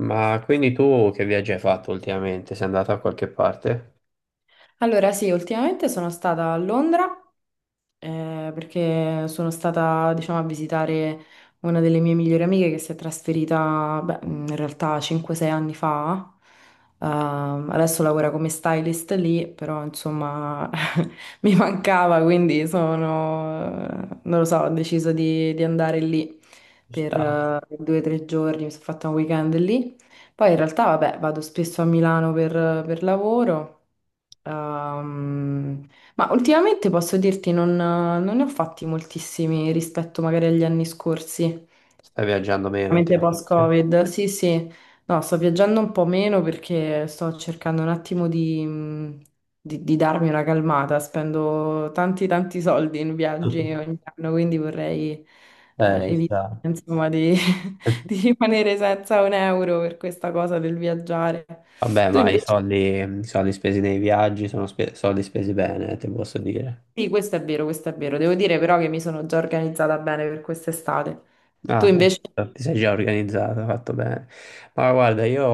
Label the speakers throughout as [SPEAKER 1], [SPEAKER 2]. [SPEAKER 1] Ma quindi tu che viaggi hai fatto ultimamente? Sei andato a qualche parte?
[SPEAKER 2] Allora, sì, ultimamente sono stata a Londra, perché sono stata, diciamo, a visitare una delle mie migliori amiche che si è trasferita, beh, in realtà 5-6 anni fa. Adesso lavora come stylist lì, però insomma mi mancava, quindi sono, non lo so, ho deciso di andare lì per 2 o 3 giorni, mi sono fatta un weekend lì. Poi in realtà, vabbè, vado spesso a Milano per lavoro. Ehm, ma ultimamente posso dirti, non ne ho fatti moltissimi rispetto magari agli anni scorsi,
[SPEAKER 1] Stai viaggiando meno
[SPEAKER 2] veramente
[SPEAKER 1] ultimamente?
[SPEAKER 2] post-Covid. Sì, sì, no, sto viaggiando un po' meno perché sto cercando un attimo di darmi una calmata. Spendo tanti, tanti soldi in viaggi ogni anno, quindi vorrei
[SPEAKER 1] Ci
[SPEAKER 2] evitare,
[SPEAKER 1] sta.
[SPEAKER 2] insomma, di, di rimanere senza un euro per questa cosa del viaggiare.
[SPEAKER 1] Vabbè,
[SPEAKER 2] Tu
[SPEAKER 1] ma i
[SPEAKER 2] invece,
[SPEAKER 1] soldi, i soldi spesi nei viaggi sono soldi spesi bene, te posso dire.
[SPEAKER 2] sì, questo è vero, questo è vero. Devo dire però che mi sono già organizzata bene per quest'estate. Tu
[SPEAKER 1] Ah,
[SPEAKER 2] invece?
[SPEAKER 1] ecco, ti sei già organizzata, fatto bene. Ma guarda, io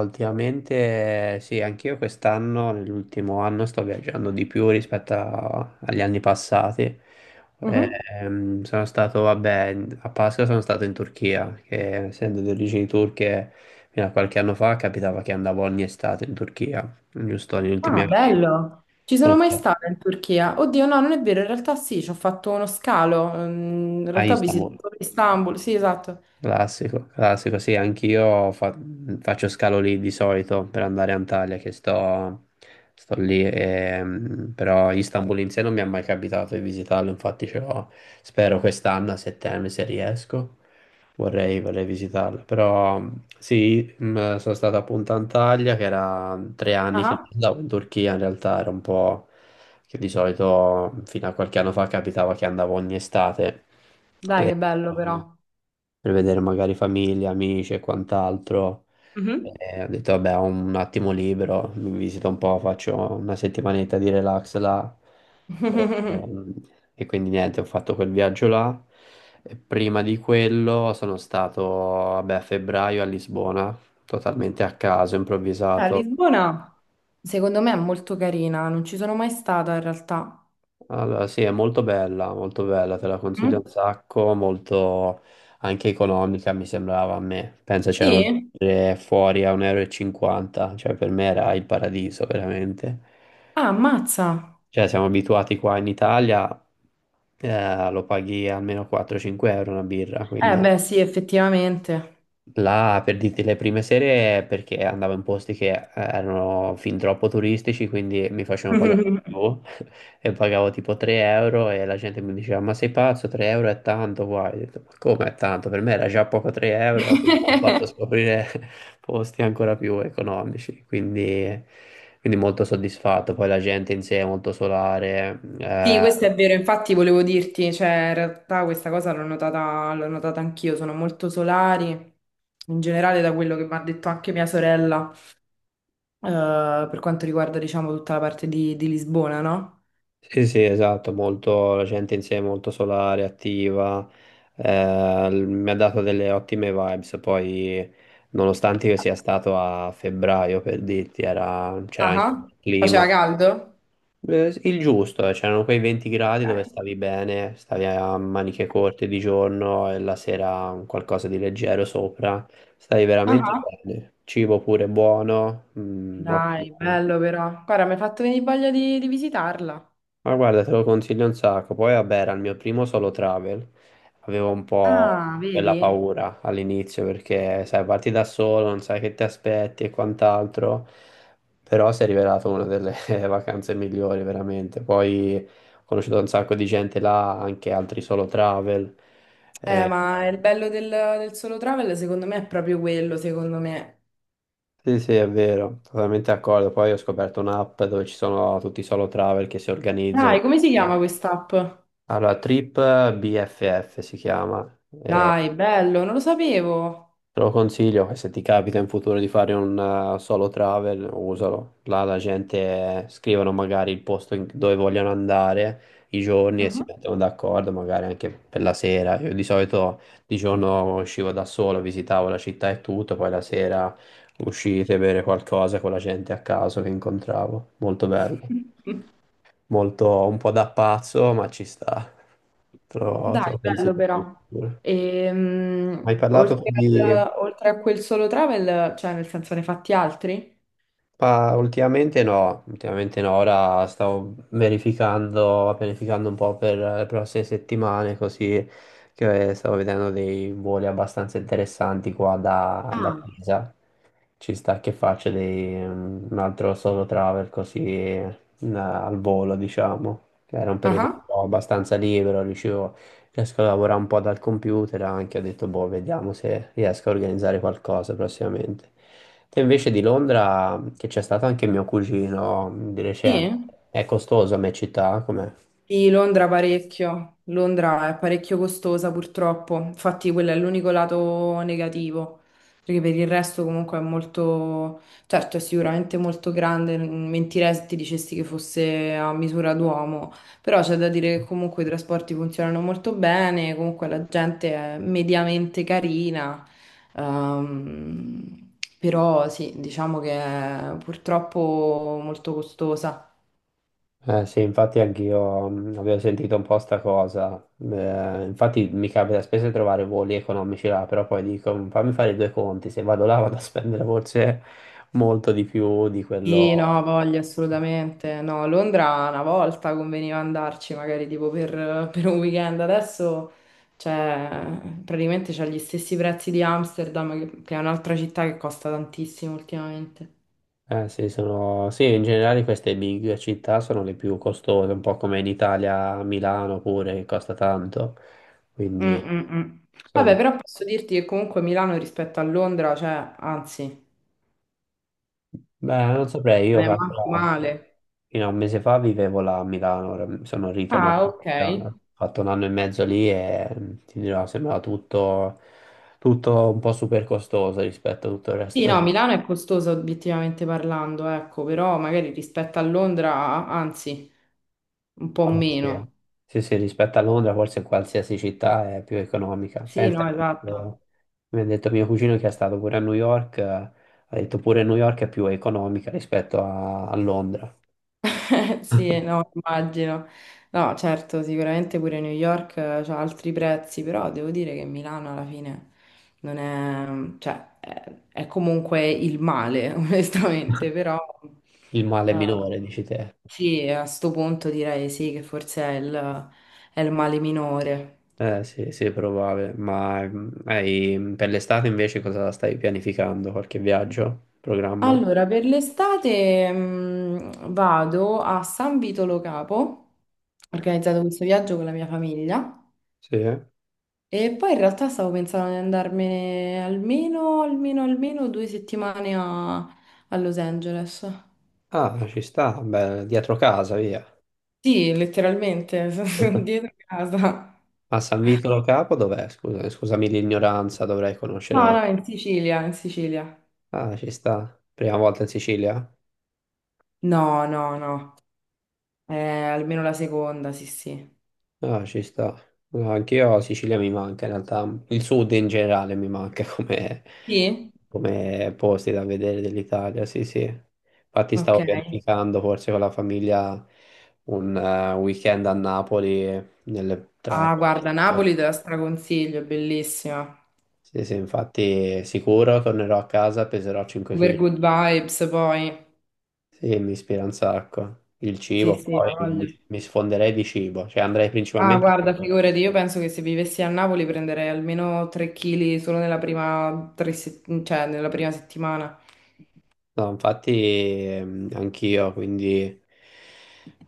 [SPEAKER 1] ultimamente, sì, anch'io quest'anno, nell'ultimo anno, sto viaggiando di più rispetto agli anni passati.
[SPEAKER 2] Mhm.
[SPEAKER 1] Sono stato, vabbè, a Pasqua sono stato in Turchia, che essendo di origini turche, fino a qualche anno fa capitava che andavo ogni estate in Turchia, giusto negli ultimi
[SPEAKER 2] Ah,
[SPEAKER 1] anni
[SPEAKER 2] bello. Ci
[SPEAKER 1] sono
[SPEAKER 2] sono mai
[SPEAKER 1] stato
[SPEAKER 2] stata in Turchia? Oddio, no, non è vero, in realtà sì, ci ho fatto uno scalo. In
[SPEAKER 1] a
[SPEAKER 2] realtà ho
[SPEAKER 1] Istanbul.
[SPEAKER 2] visitato Istanbul, sì, esatto.
[SPEAKER 1] Classico, classico, sì, anch'io faccio scalo lì di solito per andare a Antalya, che sto lì, però Istanbul in sé non mi è mai capitato di visitarlo, infatti ce l'ho, spero quest'anno a settembre se riesco, vorrei, vorrei visitarlo, però sì, sono stato appunto a Antalya, che era 3 anni che non
[SPEAKER 2] Ah,
[SPEAKER 1] andavo in Turchia, in realtà era un po' che di solito fino a qualche anno fa capitava che andavo ogni estate
[SPEAKER 2] dai,
[SPEAKER 1] per
[SPEAKER 2] che bello però.
[SPEAKER 1] per vedere magari famiglia, amici e quant'altro.
[SPEAKER 2] Mhm.
[SPEAKER 1] E ho detto, vabbè, ho un attimo libero, mi visito un po', faccio una settimanetta di relax là. E, ehm, e quindi niente, ho fatto quel viaggio là. E prima di quello sono stato, vabbè, a febbraio a Lisbona, totalmente a caso,
[SPEAKER 2] A
[SPEAKER 1] improvvisato.
[SPEAKER 2] Lisbona, secondo me è molto carina, non ci sono mai stata in realtà.
[SPEAKER 1] Allora, sì, è molto bella, te la consiglio
[SPEAKER 2] Mm?
[SPEAKER 1] un sacco, molto anche economica mi sembrava a me. Pensa c'erano le
[SPEAKER 2] Sì?
[SPEAKER 1] birre fuori a 1,50 euro, e 50, cioè per me era il paradiso veramente.
[SPEAKER 2] Ah, ammazza.
[SPEAKER 1] Cioè siamo abituati qua in Italia, lo paghi almeno 4-5 euro una birra,
[SPEAKER 2] Eh
[SPEAKER 1] quindi.
[SPEAKER 2] beh, sì, effettivamente.
[SPEAKER 1] Là, per dirti, le prime sere perché andavo in posti che erano fin troppo turistici, quindi mi facevano pagare di più e pagavo tipo 3 euro e la gente mi diceva ma sei pazzo, 3 euro è tanto qua. Io ho detto, ma come è tanto? Per me era già poco 3 euro, quindi mi hanno fatto scoprire posti ancora più economici, quindi molto soddisfatto. Poi la gente in sé è molto solare,
[SPEAKER 2] Sì,
[SPEAKER 1] eh,
[SPEAKER 2] questo è vero, infatti volevo dirti, cioè in realtà questa cosa l'ho notata anch'io, sono molto solari, in generale da quello che mi ha detto anche mia sorella, per quanto riguarda diciamo tutta la parte di Lisbona, no?
[SPEAKER 1] Sì, sì, esatto, molto, la gente in sé è molto solare, attiva, mi ha dato delle ottime vibes, poi nonostante io sia stato a febbraio, per dirti, c'era anche
[SPEAKER 2] Ah,
[SPEAKER 1] il clima,
[SPEAKER 2] faceva caldo?
[SPEAKER 1] il giusto, c'erano quei 20
[SPEAKER 2] Ok.
[SPEAKER 1] gradi dove stavi bene, stavi a maniche corte di giorno e la sera un qualcosa di leggero sopra, stavi veramente
[SPEAKER 2] Ah,
[SPEAKER 1] bene, cibo pure buono,
[SPEAKER 2] dai,
[SPEAKER 1] ottimo.
[SPEAKER 2] bello però. Guarda, mi hai fatto venire voglia di visitarla.
[SPEAKER 1] Ma guarda, te lo consiglio un sacco. Poi, vabbè, era il mio primo solo travel. Avevo un po'
[SPEAKER 2] Ah,
[SPEAKER 1] quella
[SPEAKER 2] vedi?
[SPEAKER 1] paura all'inizio perché, sai, parti da solo, non sai che ti aspetti e quant'altro. Però si è rivelato una delle vacanze migliori, veramente. Poi ho conosciuto un sacco di gente là, anche altri solo travel.
[SPEAKER 2] Eh,
[SPEAKER 1] Eh,
[SPEAKER 2] ma il bello del solo travel secondo me è proprio quello, secondo me.
[SPEAKER 1] sì, sì, è vero, totalmente d'accordo. Poi ho scoperto un'app dove ci sono tutti i solo travel che si
[SPEAKER 2] Dai,
[SPEAKER 1] organizzano.
[SPEAKER 2] come si chiama quest'app?
[SPEAKER 1] Allora, Trip BFF si chiama, e
[SPEAKER 2] Dai, bello, non lo sapevo.
[SPEAKER 1] te lo consiglio, e se ti capita in futuro di fare un solo travel, usalo. Là la gente scrivono magari il posto dove vogliono andare, i giorni e si
[SPEAKER 2] Mhm.
[SPEAKER 1] mettono d'accordo, magari anche per la sera. Io di solito di giorno uscivo da solo, visitavo la città e tutto, poi la sera uscite, a bere qualcosa con la gente a caso che incontravo. Molto bello, molto un po' da pazzo, ma ci sta. Te lo,
[SPEAKER 2] Dai,
[SPEAKER 1] te lo
[SPEAKER 2] bello
[SPEAKER 1] consiglio. Più.
[SPEAKER 2] però.
[SPEAKER 1] Hai parlato con
[SPEAKER 2] Oltre
[SPEAKER 1] gli.
[SPEAKER 2] oltre a quel solo travel, cioè nel senso ne hai fatti altri?
[SPEAKER 1] Pa- ultimamente no, ora stavo verificando, pianificando un po' per le prossime settimane, così che stavo vedendo dei voli abbastanza interessanti qua da
[SPEAKER 2] Ah,
[SPEAKER 1] Pisa. Ci sta che faccio un altro solo travel così al volo, diciamo, che era un
[SPEAKER 2] Ah,
[SPEAKER 1] periodo un
[SPEAKER 2] ah.
[SPEAKER 1] po' abbastanza libero, riuscivo riesco a lavorare un po' dal computer anche, ho detto, boh, vediamo se riesco a organizzare qualcosa prossimamente. Te invece di Londra, che c'è stato anche mio cugino di recente,
[SPEAKER 2] Sì?
[SPEAKER 1] È costoso a me città, com'è?
[SPEAKER 2] Sì, Londra parecchio, Londra è parecchio costosa purtroppo, infatti quello è l'unico lato negativo, perché per il resto comunque è molto, certo è sicuramente molto grande, mentirei se ti dicessi che fosse a misura d'uomo, però c'è da dire che comunque i trasporti funzionano molto bene, comunque la gente è mediamente carina, ehm, però sì, diciamo che è purtroppo molto costosa.
[SPEAKER 1] Sì, infatti anch'io avevo sentito un po' sta cosa. Infatti mi capita spesso di trovare voli economici là, però poi dico, fammi fare i due conti, se vado là vado a spendere forse molto di più di quello."
[SPEAKER 2] Sì, no, voglio assolutamente. No, Londra una volta conveniva andarci, magari tipo per un weekend. Adesso cioè, praticamente c'ha gli stessi prezzi di Amsterdam, che è un'altra città che costa tantissimo ultimamente.
[SPEAKER 1] Sì, sì, in generale queste big città sono le più costose, un po' come in Italia, Milano pure, che costa tanto.
[SPEAKER 2] Mm,
[SPEAKER 1] Quindi
[SPEAKER 2] mm, mm. Vabbè,
[SPEAKER 1] sono...
[SPEAKER 2] però posso dirti che comunque Milano rispetto a Londra, cioè, anzi,
[SPEAKER 1] Beh, non
[SPEAKER 2] cioè,
[SPEAKER 1] saprei,
[SPEAKER 2] non
[SPEAKER 1] io
[SPEAKER 2] è manco
[SPEAKER 1] calcola,
[SPEAKER 2] male.
[SPEAKER 1] fino a un mese fa vivevo là a Milano, ora sono ritornato,
[SPEAKER 2] Ah,
[SPEAKER 1] in
[SPEAKER 2] ok.
[SPEAKER 1] Italia, ho fatto un anno e mezzo lì e ti dirò, sembrava tutto un po' super costoso rispetto a tutto il
[SPEAKER 2] Sì,
[SPEAKER 1] resto.
[SPEAKER 2] no, Milano è costosa obiettivamente parlando, ecco, però magari rispetto a Londra, anzi, un po'
[SPEAKER 1] Vabbè, sì, eh,
[SPEAKER 2] meno.
[SPEAKER 1] sì, sì, rispetto a Londra forse qualsiasi città è più economica.
[SPEAKER 2] Sì,
[SPEAKER 1] Pensa,
[SPEAKER 2] no, esatto.
[SPEAKER 1] mi ha detto mio cugino che è stato pure a New York, ha detto pure New York è più economica rispetto a Londra.
[SPEAKER 2] Sì, no, immagino. No, certo, sicuramente pure New York ha altri prezzi, però devo dire che Milano alla fine non è, cioè, è comunque il male, onestamente, però
[SPEAKER 1] Il male
[SPEAKER 2] eh,
[SPEAKER 1] minore, dici te.
[SPEAKER 2] sì, a sto punto direi sì che forse è il male minore.
[SPEAKER 1] Eh sì, sì, probabile. Ma per l'estate invece cosa stai pianificando? Qualche viaggio? Programma?
[SPEAKER 2] Allora, per l'estate vado a San Vito Lo Capo, ho organizzato questo viaggio con la mia famiglia
[SPEAKER 1] Sì.
[SPEAKER 2] e poi in realtà stavo pensando di andarmene almeno, almeno, almeno 2 settimane a Los Angeles.
[SPEAKER 1] Ah, ci sta, beh, dietro casa, via.
[SPEAKER 2] Sì, letteralmente, sono dietro casa.
[SPEAKER 1] A San Vito Lo Capo dov'è? Scusa, scusami l'ignoranza, dovrei
[SPEAKER 2] No,
[SPEAKER 1] conoscere.
[SPEAKER 2] no, in Sicilia, in Sicilia.
[SPEAKER 1] Ah, ci sta. Prima volta in Sicilia?
[SPEAKER 2] No, no, no, Eh, almeno la seconda, sì, sì.
[SPEAKER 1] Ah, ci sta. No, anch'io la Sicilia mi manca in realtà. Il sud in generale mi manca come,
[SPEAKER 2] Sì?
[SPEAKER 1] come posti da vedere dell'Italia, sì, sì. Infatti
[SPEAKER 2] Ok.
[SPEAKER 1] stavo pianificando forse con la famiglia un weekend a Napoli tra
[SPEAKER 2] Ah,
[SPEAKER 1] qualche
[SPEAKER 2] guarda,
[SPEAKER 1] settimana.
[SPEAKER 2] Napoli te la straconsiglio, è bellissima.
[SPEAKER 1] Sì, sì, infatti sicuro tornerò a casa, peserò 5
[SPEAKER 2] Super
[SPEAKER 1] kg.
[SPEAKER 2] good vibes poi.
[SPEAKER 1] Sì, mi ispira un sacco. Il
[SPEAKER 2] Sì,
[SPEAKER 1] cibo,
[SPEAKER 2] sì, ha
[SPEAKER 1] poi
[SPEAKER 2] voglia.
[SPEAKER 1] mi sfonderei di cibo, cioè andrei
[SPEAKER 2] Ah,
[SPEAKER 1] principalmente.
[SPEAKER 2] guarda, figurati, io penso che se vivessi a Napoli prenderei almeno 3 kg solo nella prima, tre se- cioè, nella prima settimana.
[SPEAKER 1] No, infatti anch'io, quindi,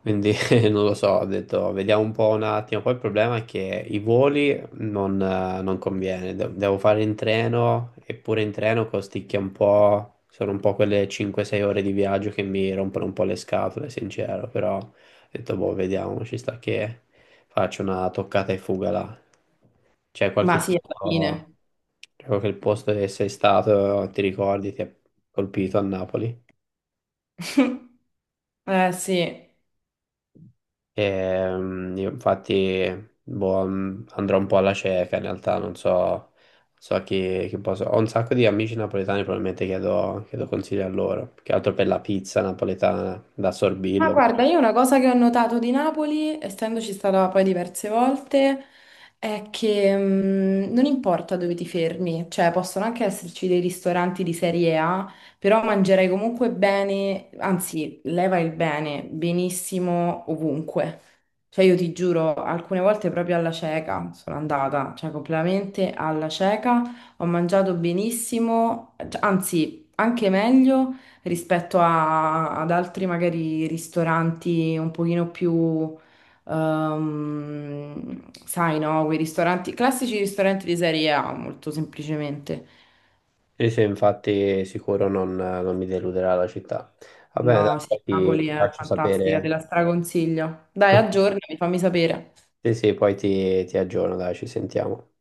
[SPEAKER 1] quindi non lo so, ho detto vediamo un po' un attimo. Poi il problema è che i voli non conviene, devo fare in treno, eppure in treno costicchia un po', sono un po' quelle 5-6 ore di viaggio che mi rompono un po' le scatole, sincero, però ho detto boh, vediamo, ci sta che faccio una toccata e fuga là. C'è qualche
[SPEAKER 2] Ma sì, alla
[SPEAKER 1] posto,
[SPEAKER 2] fine.
[SPEAKER 1] c'è qualche posto che sei stato, ti ricordi, ti ha colpito a Napoli?
[SPEAKER 2] Eh sì.
[SPEAKER 1] Io infatti boh, andrò un po' alla cieca, in realtà non so a chi, posso. Ho un sacco di amici napoletani, probabilmente chiedo consigli a loro, più che altro per la pizza napoletana da
[SPEAKER 2] Ma
[SPEAKER 1] Sorbillo.
[SPEAKER 2] guarda, io una cosa che ho notato di Napoli, essendoci stata poi diverse volte, è che non importa dove ti fermi, cioè possono anche esserci dei ristoranti di serie A, però mangerai comunque bene, anzi, leva il bene, benissimo ovunque. Cioè io ti giuro, alcune volte proprio alla cieca sono andata, cioè completamente alla cieca, ho mangiato benissimo, cioè anzi, anche meglio rispetto ad altri magari ristoranti un pochino più, sai, no, quei ristoranti, classici ristoranti di serie A, molto semplicemente.
[SPEAKER 1] Sì, sì, infatti sicuro non mi deluderà la città. Va bene, dai,
[SPEAKER 2] No, sì,
[SPEAKER 1] poi ti
[SPEAKER 2] Napoli
[SPEAKER 1] ti
[SPEAKER 2] è
[SPEAKER 1] faccio
[SPEAKER 2] fantastica, te
[SPEAKER 1] sapere.
[SPEAKER 2] la straconsiglio. Dai, aggiornami, fammi sapere.
[SPEAKER 1] Sì, sì, poi ti aggiorno, dai, ci sentiamo.